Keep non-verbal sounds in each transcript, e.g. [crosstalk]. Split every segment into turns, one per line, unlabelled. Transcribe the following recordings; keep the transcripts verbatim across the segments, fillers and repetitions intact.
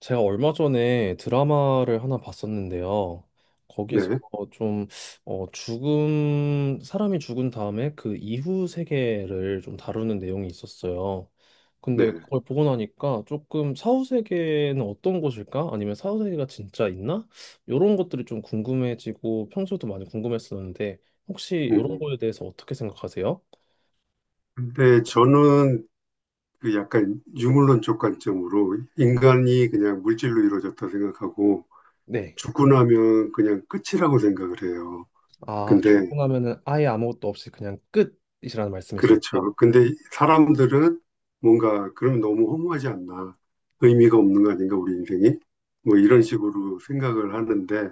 제가 얼마 전에 드라마를 하나 봤었는데요. 거기서
네,
좀 어, 죽음, 사람이 죽은 다음에 그 이후 세계를 좀 다루는 내용이 있었어요.
네.
근데 그걸 보고 나니까 조금 사후 세계는 어떤 곳일까? 아니면 사후 세계가 진짜 있나? 이런 것들이 좀 궁금해지고 평소에도 많이 궁금했었는데 혹시 이런
음,
거에 대해서 어떻게 생각하세요?
근데 저는 그 약간 유물론적 관점으로 인간이 그냥 물질로 이루어졌다 생각하고
네.
죽고 나면 그냥 끝이라고 생각을 해요.
아,
근데,
죽고 나면은 아예 아무것도 없이 그냥 끝이라는 말씀이신
그렇죠.
거죠?
근데 사람들은 뭔가 그럼 너무 허무하지 않나. 의미가 없는 거 아닌가, 우리 인생이? 뭐 이런
네.
식으로 생각을 하는데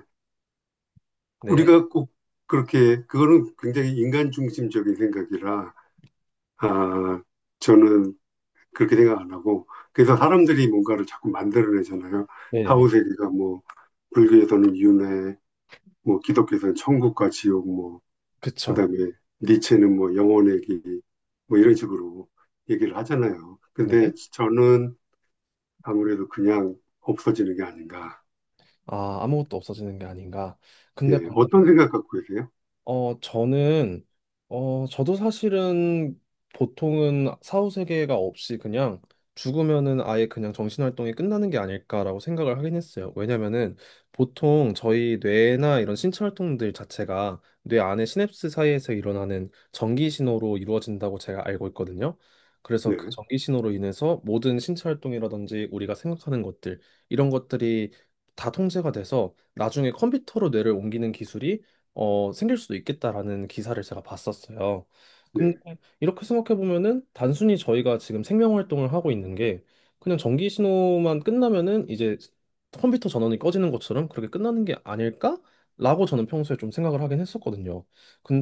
네.
우리가 꼭 그렇게, 그거는 굉장히 인간 중심적인 생각이라, 아, 저는 그렇게 생각 안 하고 그래서 사람들이 뭔가를 자꾸 만들어내잖아요.
네네네.
사후세계가 뭐 불교에서는 윤회, 뭐 기독교에서는 천국과 지옥, 뭐
그쵸.
그다음에 니체는 뭐 영혼의 길, 뭐 이런 식으로 얘기를 하잖아요. 근데
네.
저는 아무래도 그냥 없어지는 게 아닌가.
아, 아무것도 없어지는 게 아닌가. 근데
예,
방금
어떤 생각 갖고 계세요?
어, 저는, 어, 저도 사실은 보통은 사후 세계가 없이 그냥 죽으면은 아예 그냥 정신활동이 끝나는 게 아닐까라고 생각을 하긴 했어요. 왜냐면은 보통 저희 뇌나 이런 신체 활동들 자체가 뇌 안의 시냅스 사이에서 일어나는 전기 신호로 이루어진다고 제가 알고 있거든요. 그래서
네,
그 전기 신호로 인해서 모든 신체 활동이라든지 우리가 생각하는 것들, 이런 것들이 다 통제가 돼서 나중에 컴퓨터로 뇌를 옮기는 기술이 어, 생길 수도 있겠다라는 기사를 제가 봤었어요.
네.
근데 이렇게 생각해 보면은 단순히 저희가 지금 생명 활동을 하고 있는 게 그냥 전기 신호만 끝나면은 이제 컴퓨터 전원이 꺼지는 것처럼 그렇게 끝나는 게 아닐까라고 저는 평소에 좀 생각을 하긴 했었거든요.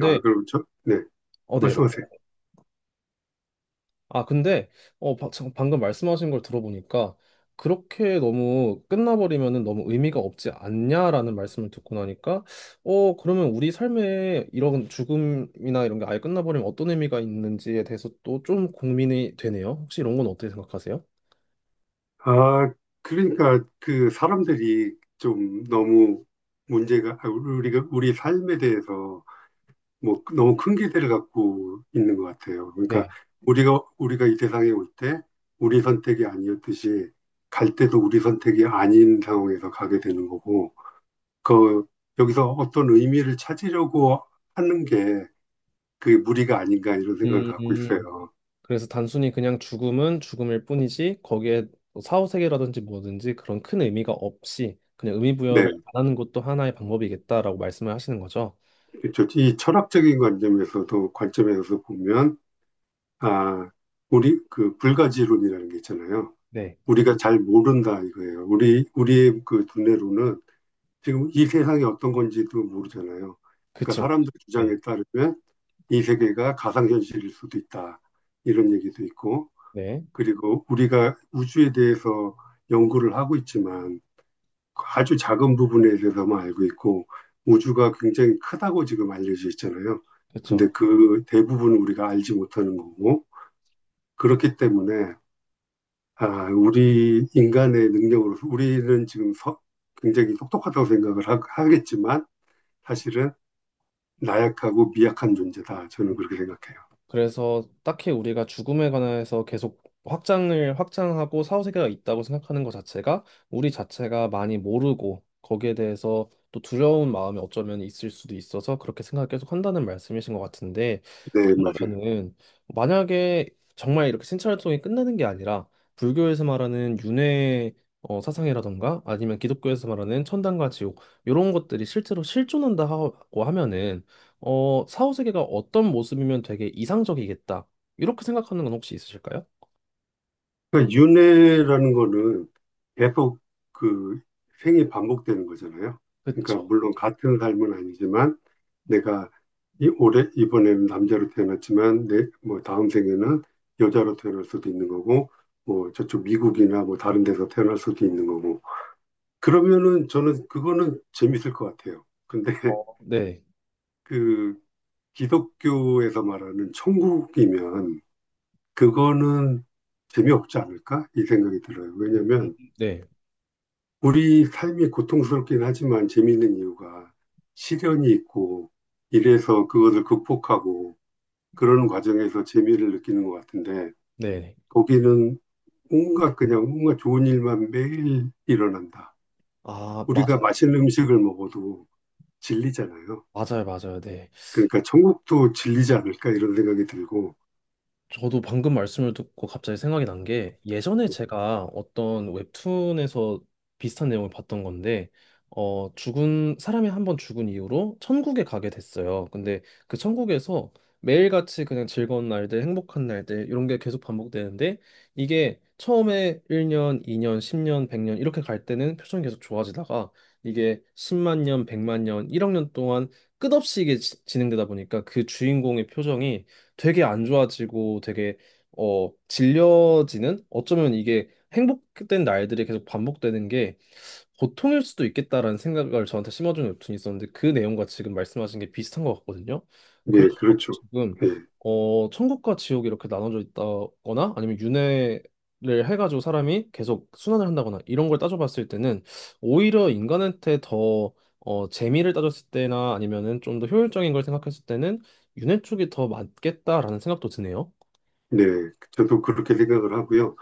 아, 그럼 저, 네,
어, 네.
말씀하세요.
아, 근데, 어, 바- 참, 방금 말씀하신 걸 들어보니까, 그렇게 너무 끝나버리면은 너무 의미가 없지 않냐라는 말씀을 듣고 나니까, 어, 그러면 우리 삶에 이런 죽음이나 이런 게 아예 끝나버리면 어떤 의미가 있는지에 대해서 또 좀 고민이 되네요. 혹시 이런 건 어떻게 생각하세요?
아, 그러니까 그 사람들이 좀 너무 문제가 아, 우리가 우리 삶에 대해서 뭐 너무 큰 기대를 갖고 있는 것 같아요. 그러니까
네.
우리가 우리가 이 세상에 올 때 우리 선택이 아니었듯이 갈 때도 우리 선택이 아닌 상황에서 가게 되는 거고 그 여기서 어떤 의미를 찾으려고 하는 게 그게 무리가 아닌가 이런 생각을
음,
갖고 있어요.
그래서 단순히 그냥 죽음은 죽음일 뿐이지, 거기에 뭐 사후세계라든지 뭐든지 그런 큰 의미가 없이, 그냥 의미 부여를
네,
안 하는 것도 하나의 방법이겠다라고 말씀을 하시는 거죠.
그렇죠. 이 철학적인 관점에서도 관점에서 보면 아 우리 그 불가지론이라는 게 있잖아요.
네.
우리가 잘 모른다 이거예요. 우리 우리의 그 두뇌로는 지금 이 세상이 어떤 건지도 모르잖아요. 그러니까
그쵸.
사람들
네.
주장에 따르면 이 세계가 가상현실일 수도 있다. 이런 얘기도 있고,
네.
그리고 우리가 우주에 대해서 연구를 하고 있지만 아주 작은 부분에 대해서만 알고 있고, 우주가 굉장히 크다고 지금 알려져 있잖아요.
그쵸.
근데 그 대부분은 우리가 알지 못하는 거고, 그렇기 때문에, 아, 우리 인간의 능력으로서 우리는 지금 서- 굉장히 똑똑하다고 생각을 하- 하겠지만, 사실은 나약하고 미약한 존재다. 저는 그렇게 생각해요.
그래서 딱히 우리가 죽음에 관해서 계속 확장을 확장하고 사후세계가 있다고 생각하는 것 자체가 우리 자체가 많이 모르고 거기에 대해서 또 두려운 마음이 어쩌면 있을 수도 있어서 그렇게 생각을 계속 한다는 말씀이신 것 같은데
네, 맞아요.
그러면은 만약에 정말 이렇게 신체활동이 끝나는 게 아니라 불교에서 말하는 윤회 어, 사상이라던가 아니면 기독교에서 말하는 천당과 지옥 이런 것들이 실제로 실존한다고 하면은 어, 사후세계가 어떤 모습이면 되게 이상적이겠다. 이렇게 생각하는 건 혹시 있으실까요?
그러니까 윤회라는 거는 계속 그 생이 반복되는 거잖아요. 그러니까
그쵸.
물론 같은 삶은 아니지만 내가 이 올해 이번에는 남자로 태어났지만 내 뭐 다음 생에는 여자로 태어날 수도 있는 거고 뭐 저쪽 미국이나 뭐 다른 데서 태어날 수도 있는 거고 그러면은 저는 그거는 재밌을 것 같아요. 근데 [laughs]
어, 네,
그 기독교에서 말하는 천국이면 그거는 재미없지 않을까? 이 생각이 들어요. 왜냐면
네,
우리 삶이 고통스럽긴 하지만 재미있는 이유가 시련이 있고 이래서 그것을 극복하고 그러는 과정에서 재미를 느끼는 것 같은데
네.
거기는 뭔가 그냥 뭔가 좋은 일만 매일 일어난다.
아,
우리가
맞아요.
맛있는 음식을 먹어도 질리잖아요.
맞아요, 맞아요. 네.
그러니까 천국도 질리지 않을까 이런 생각이 들고
저도 방금 말씀을 듣고 갑자기 생각이 난 게 예전에 제가 어떤 웹툰에서 비슷한 내용을 봤던 건데 어 죽은 사람이 한번 죽은 이후로 천국에 가게 됐어요. 근데 그 천국에서 매일같이 그냥 즐거운 날들, 행복한 날들 이런 게 계속 반복되는데 이게 처음에 일 년, 이 년, 십 년, 백 년 이렇게 갈 때는 표정이 계속 좋아지다가 이게 십만 년, 백만 년, 일억 년 동안 끝없이 이게 지- 진행되다 보니까 그 주인공의 표정이 되게 안 좋아지고 되게 어 질려지는 어쩌면 이게 행복된 날들이 계속 반복되는 게 고통일 수도 있겠다라는 생각을 저한테 심어준 웹툰이 있었는데 그 내용과 지금 말씀하신 게 비슷한 것 같거든요.
예,
그래서 저도
그렇죠.
지금
예,
어 천국과 지옥이 이렇게 나눠져 있다거나 아니면 윤회를 해가지고 사람이 계속 순환을 한다거나 이런 걸 따져봤을 때는 오히려 인간한테 더 어, 재미를 따졌을 때나 아니면은 좀 더 효율적인 걸 생각했을 때는 윤회 쪽이 더 맞겠다라는 생각도 드네요.
네, 저도 그렇게 생각을 하고요.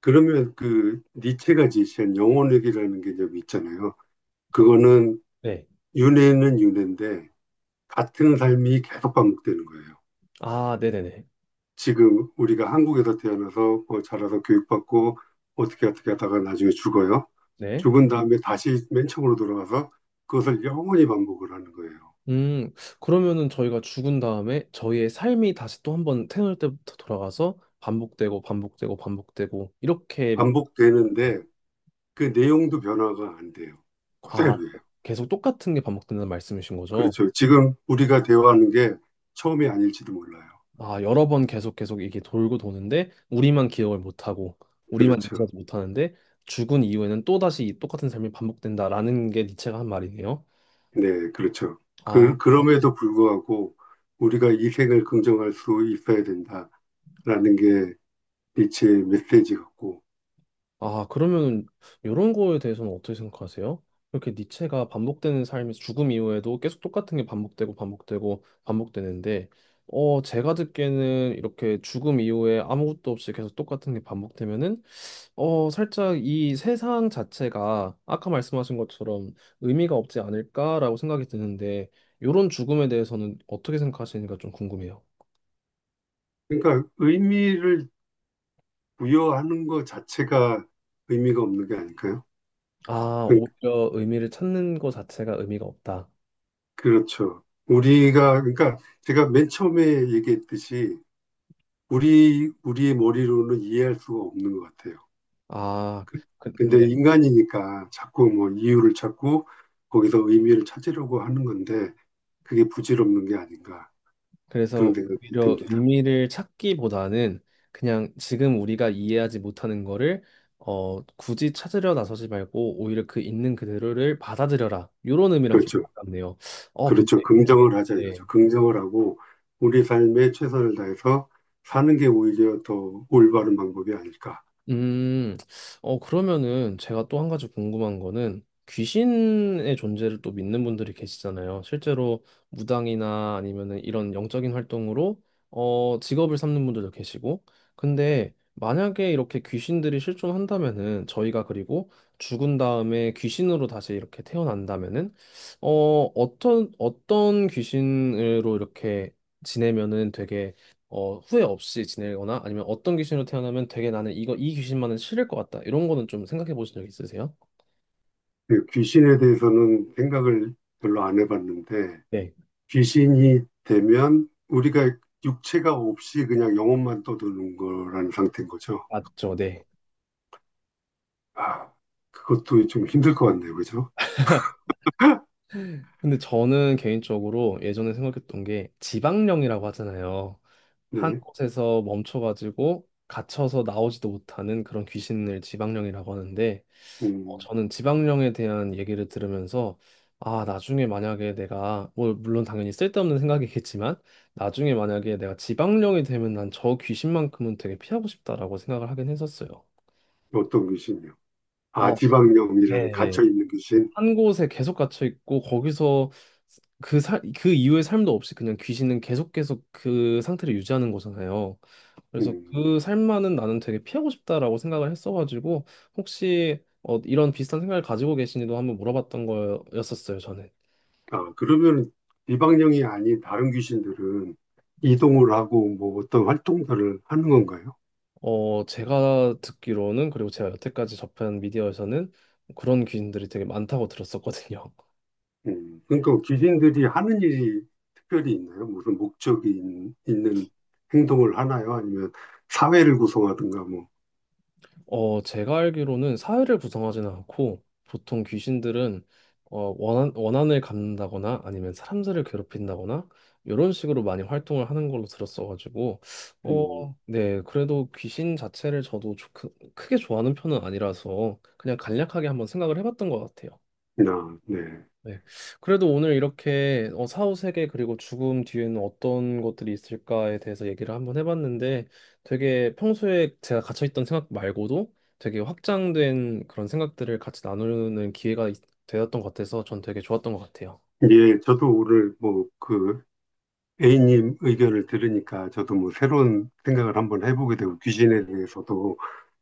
그러면 그 니체가 제시한 영혼회귀라는 개념이 있잖아요. 그거는
네,
윤회는 윤회인데 같은 삶이 계속 반복되는 거예요.
아, 네네네.
지금 우리가 한국에서 태어나서 뭐 자라서 교육받고 어떻게 어떻게 하다가 나중에 죽어요.
네,
죽은 다음에 다시 맨 처음으로 돌아가서 그것을 영원히 반복을 하는 거예요.
음, 그러면은 저희가 죽은 다음에 저희의 삶이 다시 또 한번 태어날 때부터 돌아가서 반복되고 반복되고 반복되고 이렇게 네,
반복되는데 그 내용도 변화가 안 돼요.
아,
그대로예요.
계속 똑같은 게 반복된다는 말씀이신 거죠?
그렇죠. 지금 우리가 대화하는 게 처음이 아닐지도 몰라요.
아, 여러 번 계속 계속 이게 돌고 도는데 우리만 기억을 못 하고 우리만
그렇죠.
인지하지 못하는데 죽은 이후에는 또다시 이 똑같은 삶이 반복된다라는 게 니체가 한 말이네요.
네, 그렇죠.
아,
그, 그럼에도 불구하고 우리가 이 생을 긍정할 수 있어야 된다라는 게 니체의 메시지 같고.
아, 그러면 이런 거에 대해서는 어떻게 생각하세요? 이렇게 니체가 반복되는 삶에서 죽음 이후에도 계속 똑같은 게 반복되고 반복되고 반복되는데, 어, 제가 듣기에는 이렇게 죽음 이후에 아무것도 없이 계속 똑같은 게 반복되면은, 어, 살짝 이 세상 자체가 아까 말씀하신 것처럼 의미가 없지 않을까라고 생각이 드는데, 이런 죽음에 대해서는 어떻게 생각하시는지가 좀 궁금해요.
그러니까 의미를 부여하는 것 자체가 의미가 없는 게 아닐까요?
아,
그,
오히려 의미를 찾는 것 자체가 의미가 없다.
그렇죠. 우리가, 그러니까 제가 맨 처음에 얘기했듯이 우리, 우리의 머리로는 이해할 수가 없는 것 같아요.
아,
근데
근데
인간이니까 자꾸 뭐 이유를 찾고 거기서 의미를 찾으려고 하는 건데 그게 부질없는 게 아닌가. 그런
그래서
생각이
오히려
듭니다.
의미를 찾기보다는 그냥 지금 우리가 이해하지 못하는 거를 어, 굳이 찾으려 나서지 말고 오히려 그 있는 그대로를 받아들여라. 이런 의미랑 좀
그렇죠.
가깝네요. 어,
그렇죠.
근데 이게
긍정을 하자 이거죠.
네.
긍정을 하고 우리 삶에 최선을 다해서 사는 게 오히려 더 올바른 방법이 아닐까.
음, 어, 그러면은 제가 또 한 가지 궁금한 거는 귀신의 존재를 또 믿는 분들이 계시잖아요. 실제로 무당이나 아니면은 이런 영적인 활동으로 어, 직업을 삼는 분들도 계시고. 근데 만약에 이렇게 귀신들이 실존한다면은 저희가 그리고 죽은 다음에 귀신으로 다시 이렇게 태어난다면은 어, 어떤 어떤 귀신으로 이렇게 지내면은 되게 어, 후회 없이 지내거나 아니면 어떤 귀신으로 태어나면 되게 나는 이거 이 귀신만은 싫을 것 같다. 이런 거는 좀 생각해 보신 적 있으세요?
그 귀신에 대해서는 생각을 별로 안 해봤는데
네,
귀신이 되면 우리가 육체가 없이 그냥 영혼만 떠드는 거라는 상태인 거죠.
맞죠. 네.
아, 그것도 좀 힘들 것 같네요. 그죠?
근데 저는 개인적으로 예전에 생각했던 게 지방령이라고 하잖아요. 한
네.
곳에서 멈춰가지고 갇혀서 나오지도 못하는 그런 귀신을 지방령이라고 하는데 어,
음,
저는 지방령에 대한 얘기를 들으면서 아, 나중에 만약에 내가 뭐 물론 당연히 쓸데없는 생각이겠지만 나중에 만약에 내가 지방령이 되면 난 저 귀신만큼은 되게 피하고 싶다라고 생각을 하긴 했었어요.
어떤 귀신이요? 아,
어,
지방령이라는
네네.
갇혀있는 귀신.
한 곳에 계속 갇혀 있고 거기서 그 살, 그 이후의 삶도 없이 그냥 귀신은 계속 계속 그 상태를 유지하는 거잖아요. 그래서
음.
그 삶만은 나는 되게 피하고 싶다라고 생각을 했어가지고 혹시 어, 이런 비슷한 생각을 가지고 계시니도 한번 물어봤던 거였었어요, 저는.
아, 그러면 이방령이 아닌 다른 귀신들은 이동을 하고 뭐 어떤 활동들을 하는 건가요?
어, 제가 듣기로는 그리고 제가 여태까지 접한 미디어에서는 그런 귀신들이 되게 많다고 들었었거든요.
음, 그러니까 귀신들이 하는 일이 특별히 있나요? 무슨 목적이 있- 있는 행동을 하나요? 아니면 사회를 구성하든가 뭐,
어, 제가 알기로는 사회를 구성하지는 않고 보통 귀신들은 어, 원한, 원한을 갚는다거나 아니면 사람들을 괴롭힌다거나 이런 식으로 많이 활동을 하는 걸로 들었어가지고 어,
음,
네, 그래도 귀신 자체를 저도 좋- 크, 크게 좋아하는 편은 아니라서 그냥 간략하게 한번 생각을 해봤던 것 같아요.
아, 네.
네. 그래도 오늘 이렇게 어, 사후 세계 그리고 죽음 뒤에는 어떤 것들이 있을까에 대해서 얘기를 한번 해봤는데 되게 평소에 제가 갇혀있던 생각 말고도 되게 확장된 그런 생각들을 같이 나누는 기회가 있- 되었던 것 같아서 전 되게 좋았던 것 같아요.
예, 저도 오늘 뭐 그 A님 의견을 들으니까 저도 뭐 새로운 생각을 한번 해보게 되고 귀신에 대해서도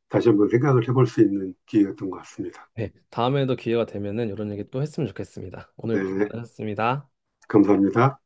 다시 한번 생각을 해볼 수 있는 기회였던 것 같습니다.
네. 다음에도 기회가 되면은 이런 얘기 또 했으면 좋겠습니다. 오늘 고생
네,
많으셨습니다.
감사합니다.